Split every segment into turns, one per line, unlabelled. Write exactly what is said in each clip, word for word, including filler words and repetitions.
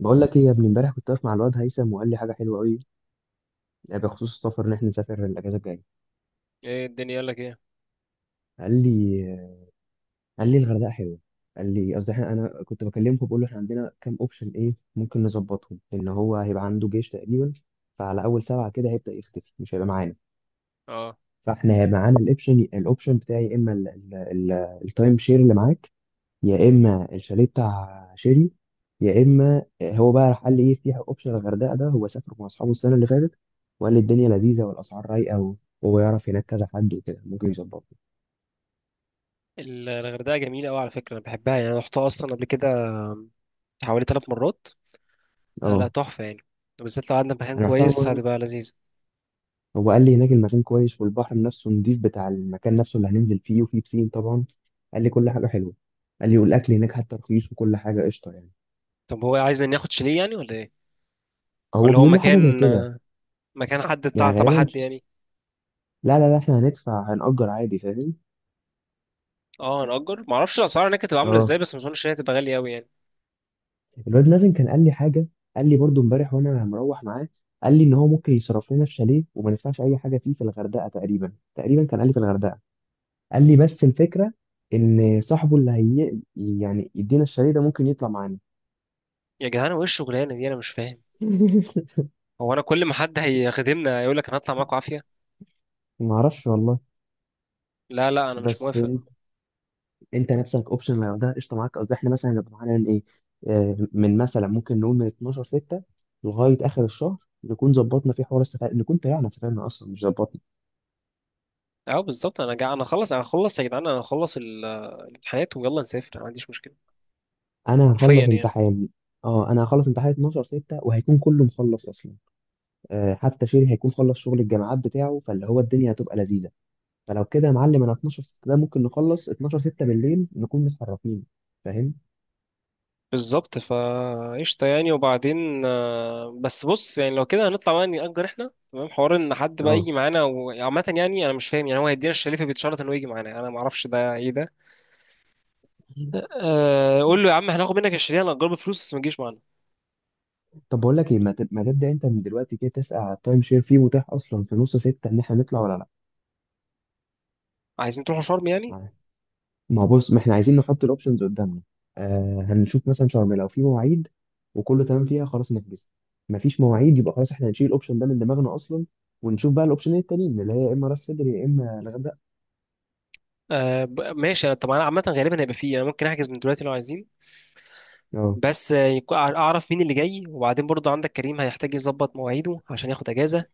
بقول لك ايه يا ابني، امبارح كنت واقف مع الواد هيثم وقال لي حاجه حلوه قوي. يعني بخصوص السفر ان احنا نسافر الاجازه الجايه.
ايه الدنيا يقول لك ايه.
قال لي قال لي الغردقه حلوه. قال لي، قصدي احنا، انا كنت بكلمه بقول له احنا عندنا كام اوبشن، ايه ممكن نظبطهم، لان هو هيبقى عنده جيش تقريبا. فعلى اول سبعه كده هيبدا يختفي، مش هيبقى معانا.
اه
فاحنا هيبقى معانا الاوبشن الاوبشن بتاعي، يا اما التايم شير اللي معاك، يا اما الشاليه بتاع شيري، يا اما هو بقى راح قال لي ايه في اوبشن الغردقه ده، هو سافر مع اصحابه السنه اللي فاتت. وقال لي الدنيا لذيذه والاسعار رايقه و- وهو يعرف هناك كذا حد وكده ممكن يظبطه.
ال- الغردقه جميله قوي على فكره، انا بحبها يعني. انا رحتها اصلا قبل كده حوالي ثلاث مرات. آه، لا
اه
تحفه يعني، بالذات لو قعدنا في مكان
انا رحتها
كويس
مره.
هتبقى لذيذه.
هو قال لي هناك المكان كويس، والبحر نفسه نضيف بتاع المكان نفسه اللي هننزل فيه، وفيه بسين طبعا. قال لي كل حاجه حلوه. قال لي والاكل هناك حتى رخيص، وكل حاجه قشطه يعني.
طب هو عايز ناخد شاليه يعني ولا ايه؟
هو
ولا هو
بيقول لي حاجه زي
مكان
كده.
مكان حد بتاع
يعني
تبع
غالبا
حد يعني؟
لا لا لا، احنا هندفع، هنأجر عادي، فاهم.
اه نأجر. ما اعرفش الاسعار هناك هتبقى عامله
اه
ازاي، بس ما اظنش ان هي هتبقى غاليه قوي يعني.
الواد مازن كان قال لي حاجه. قال لي برضو امبارح وانا مروح معاه. قال لي ان هو ممكن يصرف لنا في شاليه وما ندفعش اي حاجه فيه، في الغردقه، تقريبا تقريبا كان قال لي في الغردقه. قال لي بس الفكره ان صاحبه اللي هي يعني يدينا الشاليه ده ممكن يطلع معانا.
يا جدعان هو ايه الشغلانه دي؟ انا مش فاهم. هو انا كل ما حد هيخدمنا يقول لك انا هطلع معاكم؟ عافيه.
ما اعرفش والله.
لا، لا، انا مش
بس
موافق.
انت، انت نفسك اوبشن لو ده قشطه معاك. قصدي احنا مثلا هنبقى معانا من ايه، آه، من مثلا ممكن نقول من اتناشر ستة لغايه اخر الشهر، نكون ظبطنا في حوار السفر، نكون طلعنا سافرنا اصلا مش ظبطنا.
اه بالظبط. انا جا... انا خلص انا خلص يا جدعان، انا هخلص ال- الامتحانات ويلا نسافر، أنا ما عنديش مشكله.
انا
حرفيا
هخلص
يعني.
امتحان. اه انا هخلص امتحان اثنا عشر ستة وهيكون كله مخلص اصلا. آه حتى شيري هيكون خلص شغل الجامعات بتاعه، فاللي هو الدنيا هتبقى لذيذه. فلو كده يا معلم انا اتناشر ستة ده ممكن نخلص اتناشر ستة بالليل نكون متحركين. فاهم.
بالظبط، فقشطة يعني. وبعدين آه، بس بص، يعني لو كده هنطلع بقى نأجر احنا، تمام، حوار ان حد بقى
اه.
يجي معانا وعامة يعني انا مش فاهم. يعني هو هيدينا الشريفة بيتشرط انه يجي معانا؟ انا ما اعرفش ده ايه ده. أه قول له يا عم هناخد منك الشريفة، هنأجره بفلوس، بس ما تجيش معانا.
طب بقول لك ايه، ما تب- ما تبدا انت من دلوقتي كده تسال على التايم شير فيه متاح اصلا في نص ستة ان احنا نطلع ولا
عايزين تروحوا شرم يعني؟
لا. ما هو بص، ما احنا عايزين نحط الاوبشنز قدامنا. آه هنشوف مثلا شرم لو في مواعيد وكله تمام فيها خلاص نحجز. ما فيش مواعيد يبقى خلاص احنا هنشيل الاوبشن ده من دماغنا اصلا، ونشوف بقى الاوبشنين التانيين اللي هي يا اما راس سدر يا اما الغردقه.
أه ب- ماشي. طب انا عامة غالبا هيبقى فيه يعني، ممكن احجز من دلوقتي لو عايزين.
اه،
بس آه، يكون- اعرف مين اللي جاي. وبعدين برضه عندك كريم هيحتاج يظبط مواعيده عشان ياخد اجازة.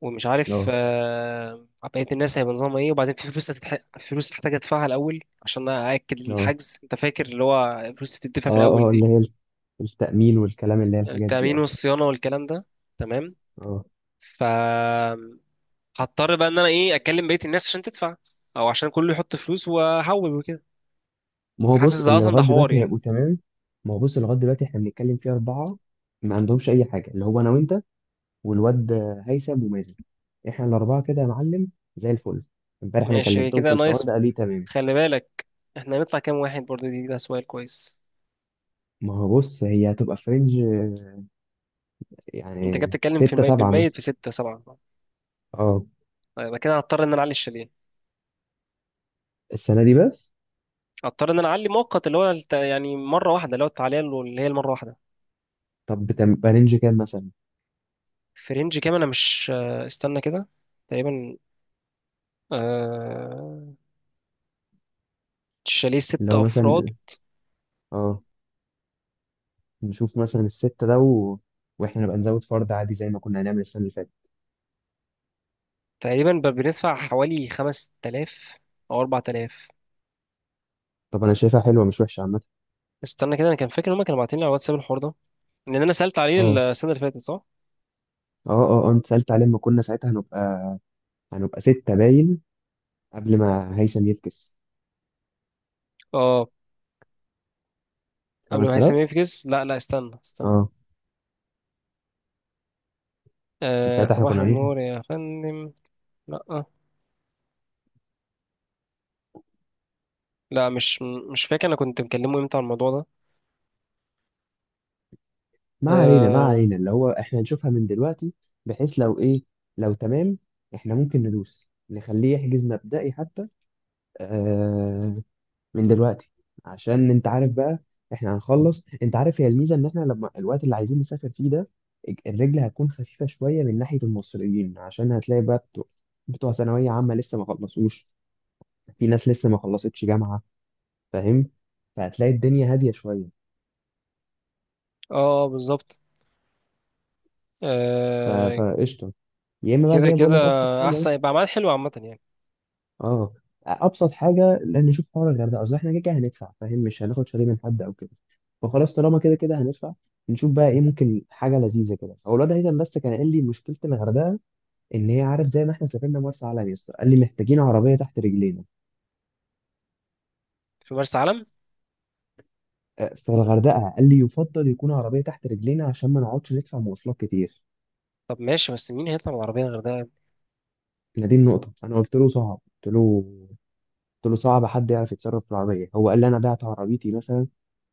ومش عارف
اه،
آه، بقية الناس هيبقى نظامها ايه. وبعدين في فلوس هتتح... فلوس هحتاج ادفعها الاول عشان ااكد
اه،
الحجز. انت فاكر اللي هو الفلوس اللي بتدفع في الاول
اه، اه،
دي؟
اللي هي التأمين والكلام، اللي هي الحاجات دي.
التامين
اه.
والصيانة والكلام ده. تمام.
اه
ف هضطر بقى ان انا ايه، اكلم بقية الناس عشان تدفع، او عشان كله يحط فلوس واحول وكده.
ما هو
حاسس
بص
ده
اللي
اصلا ده
لغاية
حوار
دلوقتي
يعني.
هيبقوا تمام. ما هو بص اللي لغاية دلوقتي احنا بنتكلم فيه أربعة، ما عندهمش أي حاجة، اللي هو أنا وأنت والواد هيثم ومازن. احنا الاربعه كده يا معلم، زي الفل. امبارح انا
ماشي
كلمتهم في
كده،
الحوار
نايس.
ده قال لي تمام.
خلي بالك، احنا هنطلع كام واحد برضه؟ دي ده سؤال كويس.
ما هو بص هي هتبقى فرنج،
انت كده
يعني
بتتكلم في
ستة
الميت
سبعة
بالميت
مثلا.
في ستة سبعة.
اه،
يبقى كده هضطر ان انا اعلي الشاليه،
السنة دي بس.
اضطر ان انا اعلي مؤقت اللي هو الت- يعني مره واحده، اللي هو التعليه اللي هي المره واحده.
طب بتبقى رينج كام مثلا؟
في رينج كام؟ انا مش آه، استنى كده. تقريبا آه، شاليه
اللي
ست
هو
افراد
مثلا، اه نشوف مثلا الستة ده، و... واحنا نبقى نزود فرد عادي زي ما كنا هنعمل السنة اللي فاتت.
تقريبا ب- بندفع حوالي خمسة آلاف او اربعة آلاف.
طب انا شايفها حلوة مش وحشة عامة.
استنى كده، انا كان فاكر ان هم كانوا باعتين لي على الواتساب الحوار ده، لان انا سالت عليه
اه
السنه اللي فاتت صح.
اه اه، آه، انت سألت عليه لما كنا ساعتها هنبقى هنبقى ستة باين، قبل ما هيثم يفكس.
اه، قبل ما هيثم
خمسة آلاف.
يفكس. لا، لا، استنى استنى.
اه. من
آه،
ساعتها احنا
صباح
كنا عاملين.
النور يا فندم. لا. آه. لا، مش مش فاكر انا كنت مكلمه امتى على الموضوع ده.
ما علينا ما
اه،
علينا، اللي هو احنا نشوفها من دلوقتي، بحيث لو ايه، لو تمام، احنا ممكن ندوس نخليه يحجز مبدئي حتى، آه، من دلوقتي. عشان انت عارف بقى، احنا هنخلص، انت عارف، هي الميزة ان احنا لما الوقت اللي عايزين نسافر فيه ده، الرجل هتكون خفيفة شوية من ناحية المصريين، عشان هتلاقي بقى بتوع, بتوع ثانوية عامة لسه ما خلصوش، في ناس لسه ما خلصتش جامعة، فاهم، فهتلاقي الدنيا هادية شوية.
اه، آه، بالظبط.
ف-
آه،
فقشطة. يا اما بقى زي
كده
ما بقول
كده
لك ابسط حاجه.
احسن، يبقى عمال حلو عامه يعني.
اه ابسط حاجه، لان نشوف حوار الغردقه، اصل احنا كده كده هندفع فاهم، مش هناخد شاليه من حد او كده، فخلاص طالما كده كده هندفع نشوف بقى ايه ممكن حاجه لذيذه كده. هو الواد هيثم بس كان قال لي مشكله الغردقه ان هي، عارف زي ما احنا سافرنا مرسى علم، يا اسطى قال لي محتاجين عربيه تحت رجلينا.
في مرسى علم.
آه، فالغردقه قال لي يفضل يكون عربيه تحت رجلينا عشان ما نقعدش ندفع مواصلات كتير.
طب ماشي، بس مين هيطلع بالعربيه غير ده يعني؟
هي دي النقطه، انا قلت له صعب، قلت له قلت له صعب حد يعرف يتصرف في العربية، هو قال لي أنا بعت عربيتي مثلا، قلت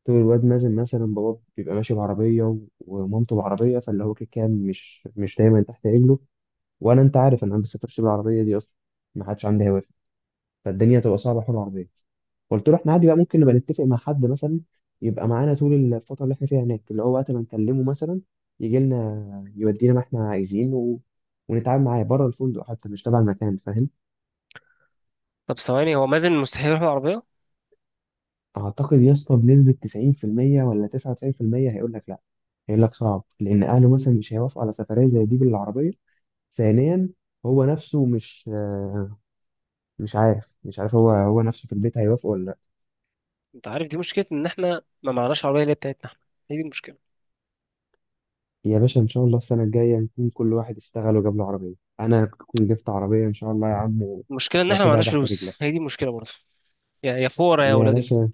له الواد مازن مثلا بابا بيبقى ماشي بعربية و- ومامته بعربية، فاللي هو كده كده مش مش دايما تحت رجله. وأنا، أنت عارف أنا ما بسافرش بالعربية دي أصلا، ما حدش عندي هوافر، فالدنيا تبقى صعبة حول العربية. قلت له احنا عادي بقى ممكن نبقى نتفق مع حد مثلا يبقى معانا طول الفترة اللي احنا فيها هناك، اللي هو وقت ما نكلمه مثلا يجي لنا يودينا ما احنا عايزين، و... ونتعامل معاه بره الفندق حتى، مش تبع المكان، فاهم.
طب ثواني، هو مازن مستحيل يروح بالعربيه.
اعتقد يا اسطى بنسبه تسعين في المية ولا تسعة وتسعين في المية هيقول لك لا، هيقول لك صعب لان اهله مثلا مش هيوافقوا على سفريه زي دي بالعربيه. ثانيا، هو نفسه مش، آه، مش عارف مش عارف هو هو نفسه في البيت هيوافق ولا لا.
انت عارف دي مشكله ان احنا ما معناش عربيه اللي هي بتاعتنا احنا. هي دي المشكله.
يا باشا ان شاء الله السنه الجايه نكون كل واحد اشتغل وجاب له عربيه. انا اكون جبت عربيه ان شاء الله يا عم، و-
المشكله ان احنا ما
واسيبها
معناش
تحت
فلوس، هي
رجلك.
دي المشكله برضه. يا، يا فورة يا
يا
ولاد ال...
باشا.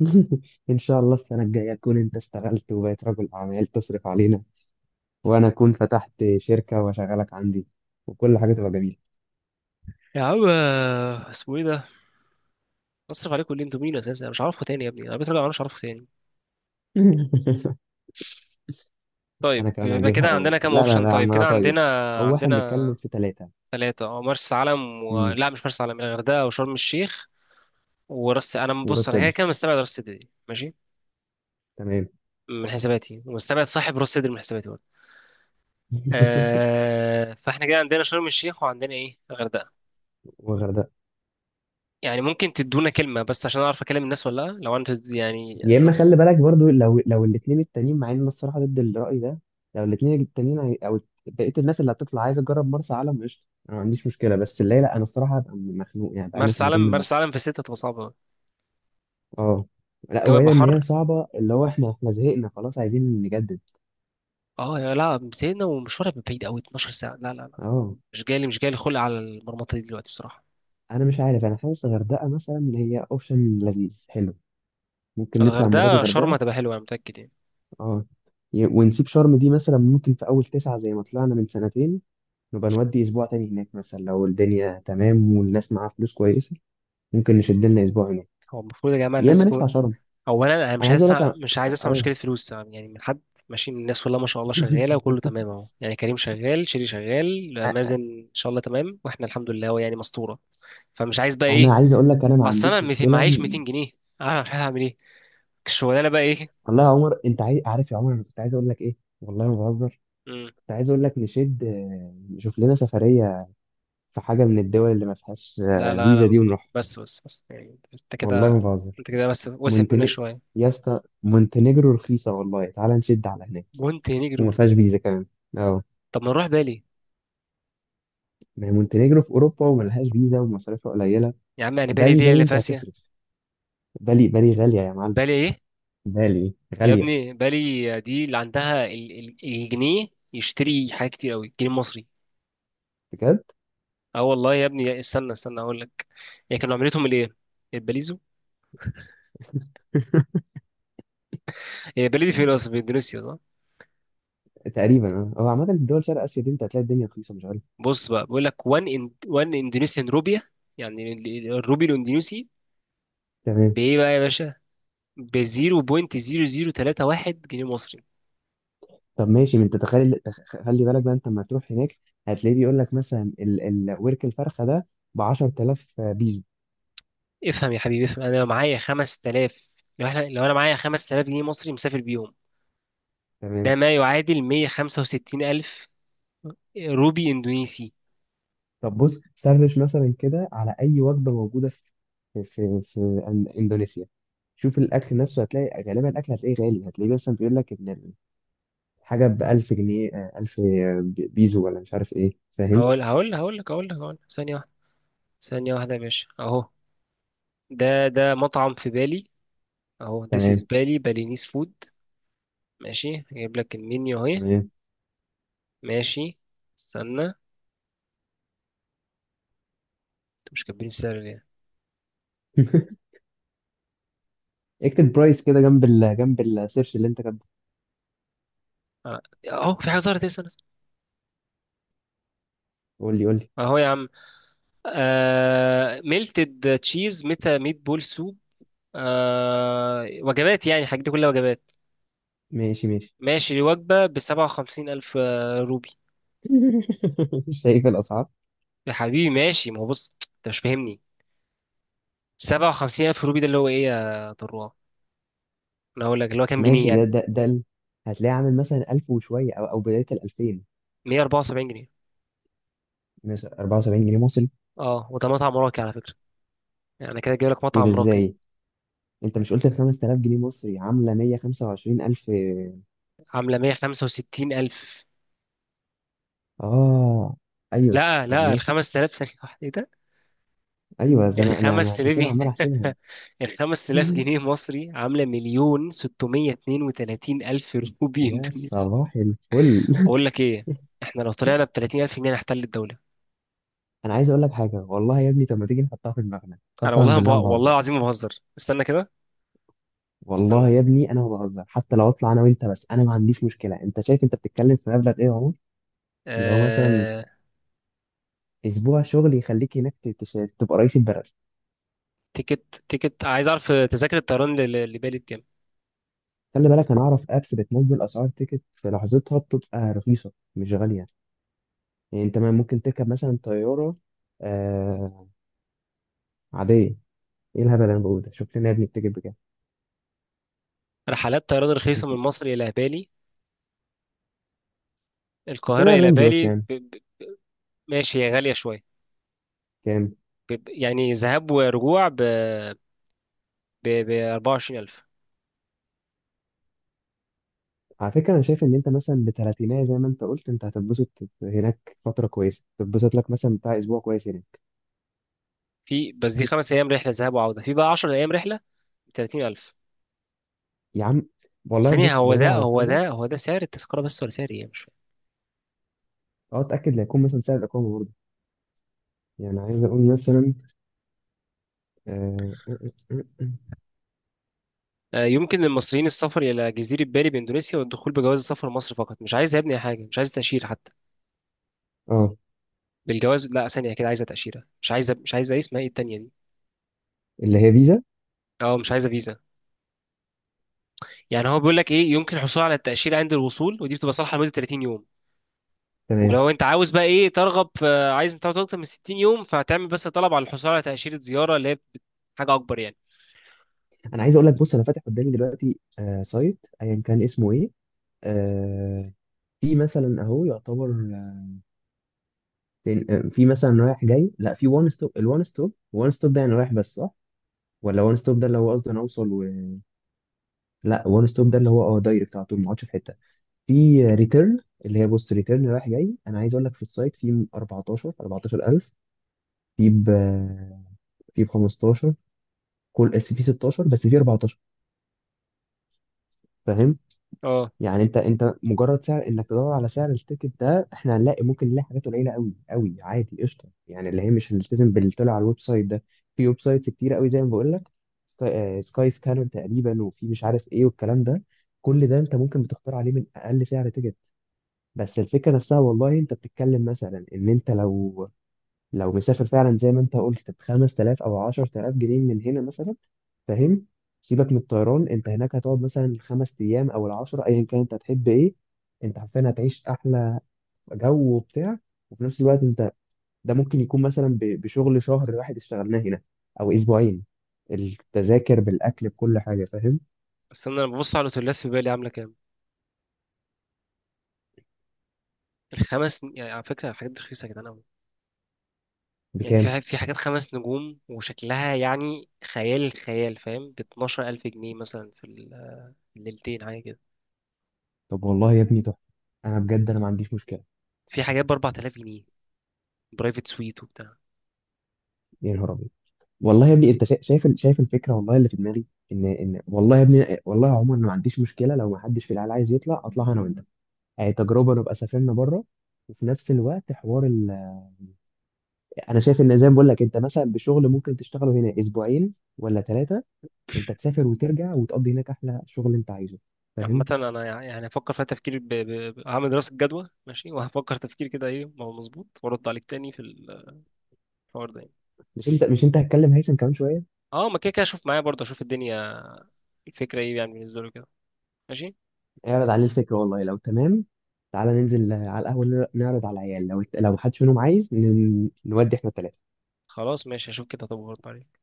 ان شاء الله السنه الجايه تكون انت اشتغلت وبقيت رجل اعمال تصرف علينا، وانا اكون فتحت شركه واشغلك عندي، وكل حاجه تبقى جميله.
يا عم آه، اسمه ايه ده. بصرف عليكم اللي انتوا مين اساسا، انا مش عارفكم تاني يا ابني. انا بيت راجع، أنا مش عارفكم تاني.
انا
طيب
كمان
يبقى
هجيبها
كده عندنا
أو...
كام
لا لا
اوبشن؟
لا يا
طيب
عم انا
كده
طيب.
عندنا
او واحد، بنتكلم
عندنا
في ثلاثة،
ثلاثة. اه، مرسى علم و... لا، مش مرسى علم، الغردقة وشرم الشيخ وراس انا
وراس
بص، انا كده
صدر،
كده مستبعد راس صدري دي، ماشي،
تمام.
من حساباتي، ومستبعد صاحب راس صدري من حساباتي برضه. آه فاحنا كده عندنا شرم الشيخ، وعندنا ايه، الغردقه.
وغردقة.
يعني ممكن تدونا كلمه بس عشان اعرف اكلم الناس ولا لا. لو انت يعني
يا اما
زب-
خلي بالك برضو، لو لو الاثنين التانيين، مع ان أنا الصراحة ضد الرأي ده، لو الاثنين التانيين عاي- او بقية الناس اللي هتطلع عايزة تجرب مرسى علم قشطة، انا ما عنديش مشكلة، بس اللي هي لا، انا الصراحة هبقى مخنوق يعني بقالنا
مرسى
سنتين
علم،
بنروح.
مرسى علم في ستة هتبقى صعبه أوي.
اه لا،
الجو هيبقى
وبعيدا ان هي
حر.
صعبة، اللي هو احنا، احنا زهقنا خلاص عايزين نجدد.
اه، يا لا مسينا ومشوار هيبقى بعيد قوي، اتناشر ساعه. لا، لا، لا،
اه.
مش جالي، مش جالي خلق على المرمطه دي دلوقتي بصراحه.
انا مش عارف، انا حاسس غردقة مثلا هي اوبشن لذيذ حلو، ممكن نطلع المرة دي
الغردقه شرم
غردقة.
هتبقى حلوه انا متاكد يعني.
اه ي- ونسيب شرم دي مثلا ممكن في أول تسعة زي ما طلعنا من سنتين، نبقى نودي أسبوع تاني هناك مثلا، لو الدنيا تمام والناس معاها فلوس كويسة ممكن نشد لنا أسبوع هناك،
هو المفروض يا جماعه
يا إما
الناس،
نطلع شرم.
اولا انا
أنا
مش
عايز
عايز
أقول لك
اسمع،
أنا،
مش عايز اسمع مشكله
اه.
فلوس يعني من حد. ماشي من الناس، والله ما شاء الله شغاله وكله تمام اهو يعني، كريم شغال، شيري شغال،
أ-
مازن ان شاء الله تمام، واحنا الحمد لله هو يعني مسطوره. فمش عايز بقى
أنا
ايه،
عايز أقول لك أنا ما
اصل انا
عنديش
ميتين
مشكلة
معيش
إن-.
ميتين جنيه، انا مش عارف اعمل ايه الشغلانه بقى ايه.
والله يا عمر أنت عاي... عارف يا عمر أنا كنت عايز أقول لك إيه، والله ما بهزر.
مم.
كنت عايز أقول لك نشد، آه، نشوف لنا سفرية في حاجة من الدول اللي ما فيهاش،
لا،
آه،
لا،
فيزا
لا،
دي، ونروح.
بس، بس، بس، يعني انت
والله ما
كده،
بهزر.
انت كده بس وسعت منك
مونتني
شويه.
يا اسطى مونتينيجرو رخيصة والله، تعال نشد على هناك.
مونتي نيجرو؟
وما فيهاش فيزا كمان. اه.
طب ما نروح بالي.
ما هي مونتينيجرو في أوروبا وملهاش فيزا ومصاريفها قليلة.
يا عم يعني بالي
بالي
دي
بالي
اللي
أنت
فاسيه؟
هتصرف. بالي بالي غالية يا معلم.
بالي ايه؟
بالي
يا
غالية.
ابني بالي دي اللي عندها ال- ال- الجنيه يشتري حاجات كتير قوي، الجنيه المصري.
بجد.
اه والله يا ابني، استنى استنى اقول لك. هي كانوا عملتهم الايه، الباليزو. هي بالي دي فين اصلا؟ في اندونيسيا صح؟
تقريبا اه، هو عامة في دول شرق آسيا دي أنت هتلاقي الدنيا رخيصة مش غالية.
بص بقى بيقول لك واحد إن... واحد اندونيسيان روبيا، يعني ال- ال- الروبي الاندونيسي
تمام.
بايه بقى يا باشا؟ ب صفر فاصلة صفر صفر تلاتة واحد جنيه مصري.
طب ماشي، ما أنت تخيل تخ- خلي بالك بقى أنت لما تروح هناك هتلاقيه بيقول لك مثلا ال... الورك الفرخة ده ب عشرة آلاف بيزو.
افهم يا حبيبي افهم. انا لو معايا خمسة آلاف، لو احنا لو انا معايا خمسة آلاف جنيه مصري مسافر بيهم، ده
تمام.
ما يعادل ميه خمسه وستين الف روبي اندونيسي.
طب بص سرش مثلا كده على اي وجبه موجوده في في في إن- اندونيسيا، شوف الاكل نفسه، هتلاقي غالبا الاكل هتلاقيه غالي، هتلاقيه مثلا بيقول لك ان الحاجه ب ألف جنيه، آه، ألف بيزو ولا مش عارف ايه، فاهم.
هقول هقول هقول لك هقول لك هقول لك ثانية واحدة، ثانية واحدة يا باشا. اهو ده ده مطعم في بالي. اهو this is
تمام.
بالي بالينيز فود، ماشي. هجيب لك المنيو اهي.
تمام.
ماشي. استنى انتوا مش كاتبين السعر ليه؟
اكتب برايس كده جنب ال جنب السيرش اللي انت كاتبه.
آه، اهو في حاجة ظهرت إيه؟ استنى استنى.
قول لي، قول لي.
اهو يا عم. آه... ميلتد تشيز، ميتا ميت بول سوب. آه... وجبات، يعني الحاجات دي كلها وجبات،
ماشي، ماشي.
ماشي. الوجبة بسبعة وخمسين ألف آه، روبي.
شايف الاسعار.
يا حبيبي ماشي. ما هو بص انت مش فاهمني. سبعة وخمسين ألف روبي ده اللي هو ايه يا طروه، انا اقول لك اللي هو كام جنيه
ماشي
يعني.
ده ده ده ال- هتلاقيه عامل مثلا ألف وشويه، او او بدايه ال الألفين
ميه اربعه وسبعين جنيه.
مثلا، أربعة وسبعين جنيه مصري.
اه وده مطعم راقي على فكره، يعني أنا كده جايب لك
ايه ده،
مطعم راقي.
ازاي، انت مش قلت ال خمسة آلاف جنيه مصري عامله مية وخمسة وعشرين الف.
عامله ميه خمسه وستين الف.
اه، ايوه.
لا،
طب
لا، ال
ماشي.
خمسة آلاف ثانيه واحده ايه ده.
ايوه، زي
ال
انا انا أنا
5000
عشان كده
جنيه
عمال احسبها.
ال 5000 جنيه مصري عامله مليون ستميه اتنين وتلاتين الف روبي
يا
اندونيسي.
صباح الفل.
بقول لك ايه، احنا لو طلعنا ب تلاتين الف جنيه نحتل الدوله.
انا عايز اقول لك حاجه، والله يا ابني، طب ما تيجي نحطها في دماغنا
انا
قسما
والله ب...
بالله ما
والله
بهزر.
العظيم ما بهزر. استنى كده
والله
استنى.
يا ابني انا ما بهزر، حتى لو اطلع انا وانت بس، انا ما عنديش مشكله، انت شايف انت بتتكلم في مبلغ ايه يا عمر. اللي هو مثلا
آه...
اسبوع شغل يخليك هناك ت- تش- تبقى رئيس البلد.
تيكت، تيكت، عايز اعرف تذاكر الطيران ل- ل- لبالي بكام.
خلي بالك انا اعرف ابس بتنزل اسعار تيكت في لحظتها بتبقى رخيصه مش غاليه. يعني انت ما ممكن تركب مثلا طياره، آه عاديه. ايه الهبل اللي انا بقوله ده، شوف لنا يا ابني بتجيب بكام.
رحلات طيران
فشوف،
رخيصة من مصر إلى بالي،
شوف
القاهرة
لنا
إلى
الرينج بس
بالي ب...
يعني.
ب... ماشي هي غالية شوية.
كام.
ب... ب- يعني ذهاب ورجوع، ب ب ب اربعه وعشرين الف.
على فكره انا شايف ان انت مثلا بتلاتينية زي ما انت قلت، انت هتتبسط هناك فتره كويسه، تتبسط لك مثلا بتاع اسبوع كويس هناك.
في بس دي خمس أيام رحلة ذهاب وعودة، في بقى عشر أيام رحلة ب تلاتين الف.
يا عم، والله
ثانية،
بص
هو
بعيدا
ده
عن
هو
حاجه.
ده هو ده سعر التذكرة بس ولا سعر إيه، مش فاهم.
اه اتاكد لا يكون مثلا سعر الاقامه برضه، يعني عايز اقول مثلا، اه, آه آه،
آه، يمكن للمصريين السفر إلى جزيرة بالي بإندونيسيا والدخول بجواز السفر لمصر فقط. مش عايز يا ابني حاجة، مش عايز تأشيرة حتى،
آه،
بالجواز. لا، ثانية كده، عايزة تأشيرة، مش عايزة مش عايزة إيه اسمها، إيه التانية دي،
اللي هي فيزا.
أه مش عايزة فيزا. يعني هو بيقول لك ايه، يمكن الحصول على التأشيرة عند الوصول، ودي بتبقى صالحة لمدة تلاتين يوم.
تمام.
ولو انت عاوز بقى ايه، ترغب في، عايز انت تقعد اكتر من ستين يوم، فهتعمل بس طلب على الحصول على تأشيرة زيارة، اللي هي حاجة اكبر يعني.
انا عايز اقول لك بص انا فاتح قدامي دلوقتي آه سايت ايا كان اسمه ايه، آه، في مثلا اهو يعتبر، تن- في مثلا رايح جاي، لا في وان ستوب، الوان ستوب وان ستوب ده يعني رايح بس صح، ولا وان ستوب ده اللي هو قصدي انا اوصل، و... لا وان ستوب ده اللي هو اه دايركت على طول ما اقعدش في حته، في ريتيرن، اللي هي بص، ريتيرن رايح جاي، انا عايز اقول لك في السايت في أربعتاشر أربعة عشر ألف، في ب، في ب خمستاشر، كل في ستاشر، بس في أربعة عشر، فاهم.
اه.
يعني انت انت مجرد سعر انك تدور على سعر التيكت ده، احنا هنلاقي ممكن نلاقي حاجات قليله قوي قوي عادي قشطه، يعني اللي هي مش هنلتزم باللي طلع على الويب سايت ده. في ويب سايتس كتير قوي زي ما بقول لك، سكاي, سكاي سكانر تقريبا، وفي مش عارف ايه والكلام ده. كل ده انت ممكن بتختار عليه من اقل سعر تيكت. بس الفكره نفسها، والله انت بتتكلم مثلا ان انت لو، لو مسافر فعلا زي ما انت قلت ب خمس آلاف او عشر آلاف جنيه من هنا مثلا، فاهم. سيبك من الطيران، انت هناك هتقعد مثلا خمس ايام او العشرة، ايا كان انت هتحب ايه، انت حرفيا هتعيش احلى جو وبتاع، وفي نفس الوقت انت، ده ممكن يكون مثلا ب- بشغل شهر واحد اشتغلناه هنا او اسبوعين، التذاكر بالاكل بكل حاجه، فاهم.
بس انا لما ببص على الاوتيلات في بالي عاملة كام، الخمس يعني، على فكرة الحاجات دي رخيصة يا جدعان قوي. يعني في
بكام.
ح- في حاجات خمس نجوم وشكلها يعني خيال الخيال، فاهم، ب اتناشر الف جنيه مثلا في ال- الليلتين حاجة كده.
طب والله يا ابني تحفه، انا بجد انا ما عنديش مشكله.
في حاجات ب اربعة آلاف جنيه، برايفت سويت وبتاع.
يا نهار ابيض. والله يا ابني انت شا- شايف ال- شايف الفكره والله اللي في دماغي، ان ان والله يا ابني والله يا عمر انا ما عنديش مشكله لو ما حدش في العيله عايز يطلع، اطلع انا وانت، آه، تجربه نبقى سافرنا بره، وفي نفس الوقت حوار ال... انا شايف ان زي ما بقول لك انت مثلا بشغل ممكن تشتغله هنا اسبوعين ولا ثلاثه، انت تسافر وترجع وتقضي هناك احلى شغل انت عايزه،
عامة
فاهم.
أنا يع- يعني هفكر فيها تفكير ب... ب... ب- هعمل دراسة جدوى ماشي، وهفكر تفكير كده إيه ما هو مظبوط، وأرد عليك تاني في الحوار ده يعني.
مش انت، مش انت هتكلم هيثم كمان شويه.
أه ما كده كده أشوف معايا برضه، أشوف الدنيا، الفكرة إيه يعني بالنسبة له كده، ماشي.
اعرض عليه الفكره والله لو تمام، تعالى ننزل آه، على القهوه نر- نعرض على العيال، لو لو محدش منهم عايز ن... نودي احنا الثلاثه.
خلاص ماشي، أشوف كده طب وأرد عليك.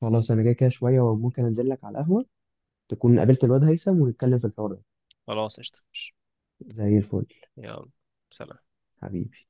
خلاص انا جاي كده شويه وممكن انزل لك على القهوه، تكون قابلت الواد هيثم ونتكلم في الحوار ده.
خلاص قشطة ماشي.
زي الفل.
يلا، سلام.
حبيبي.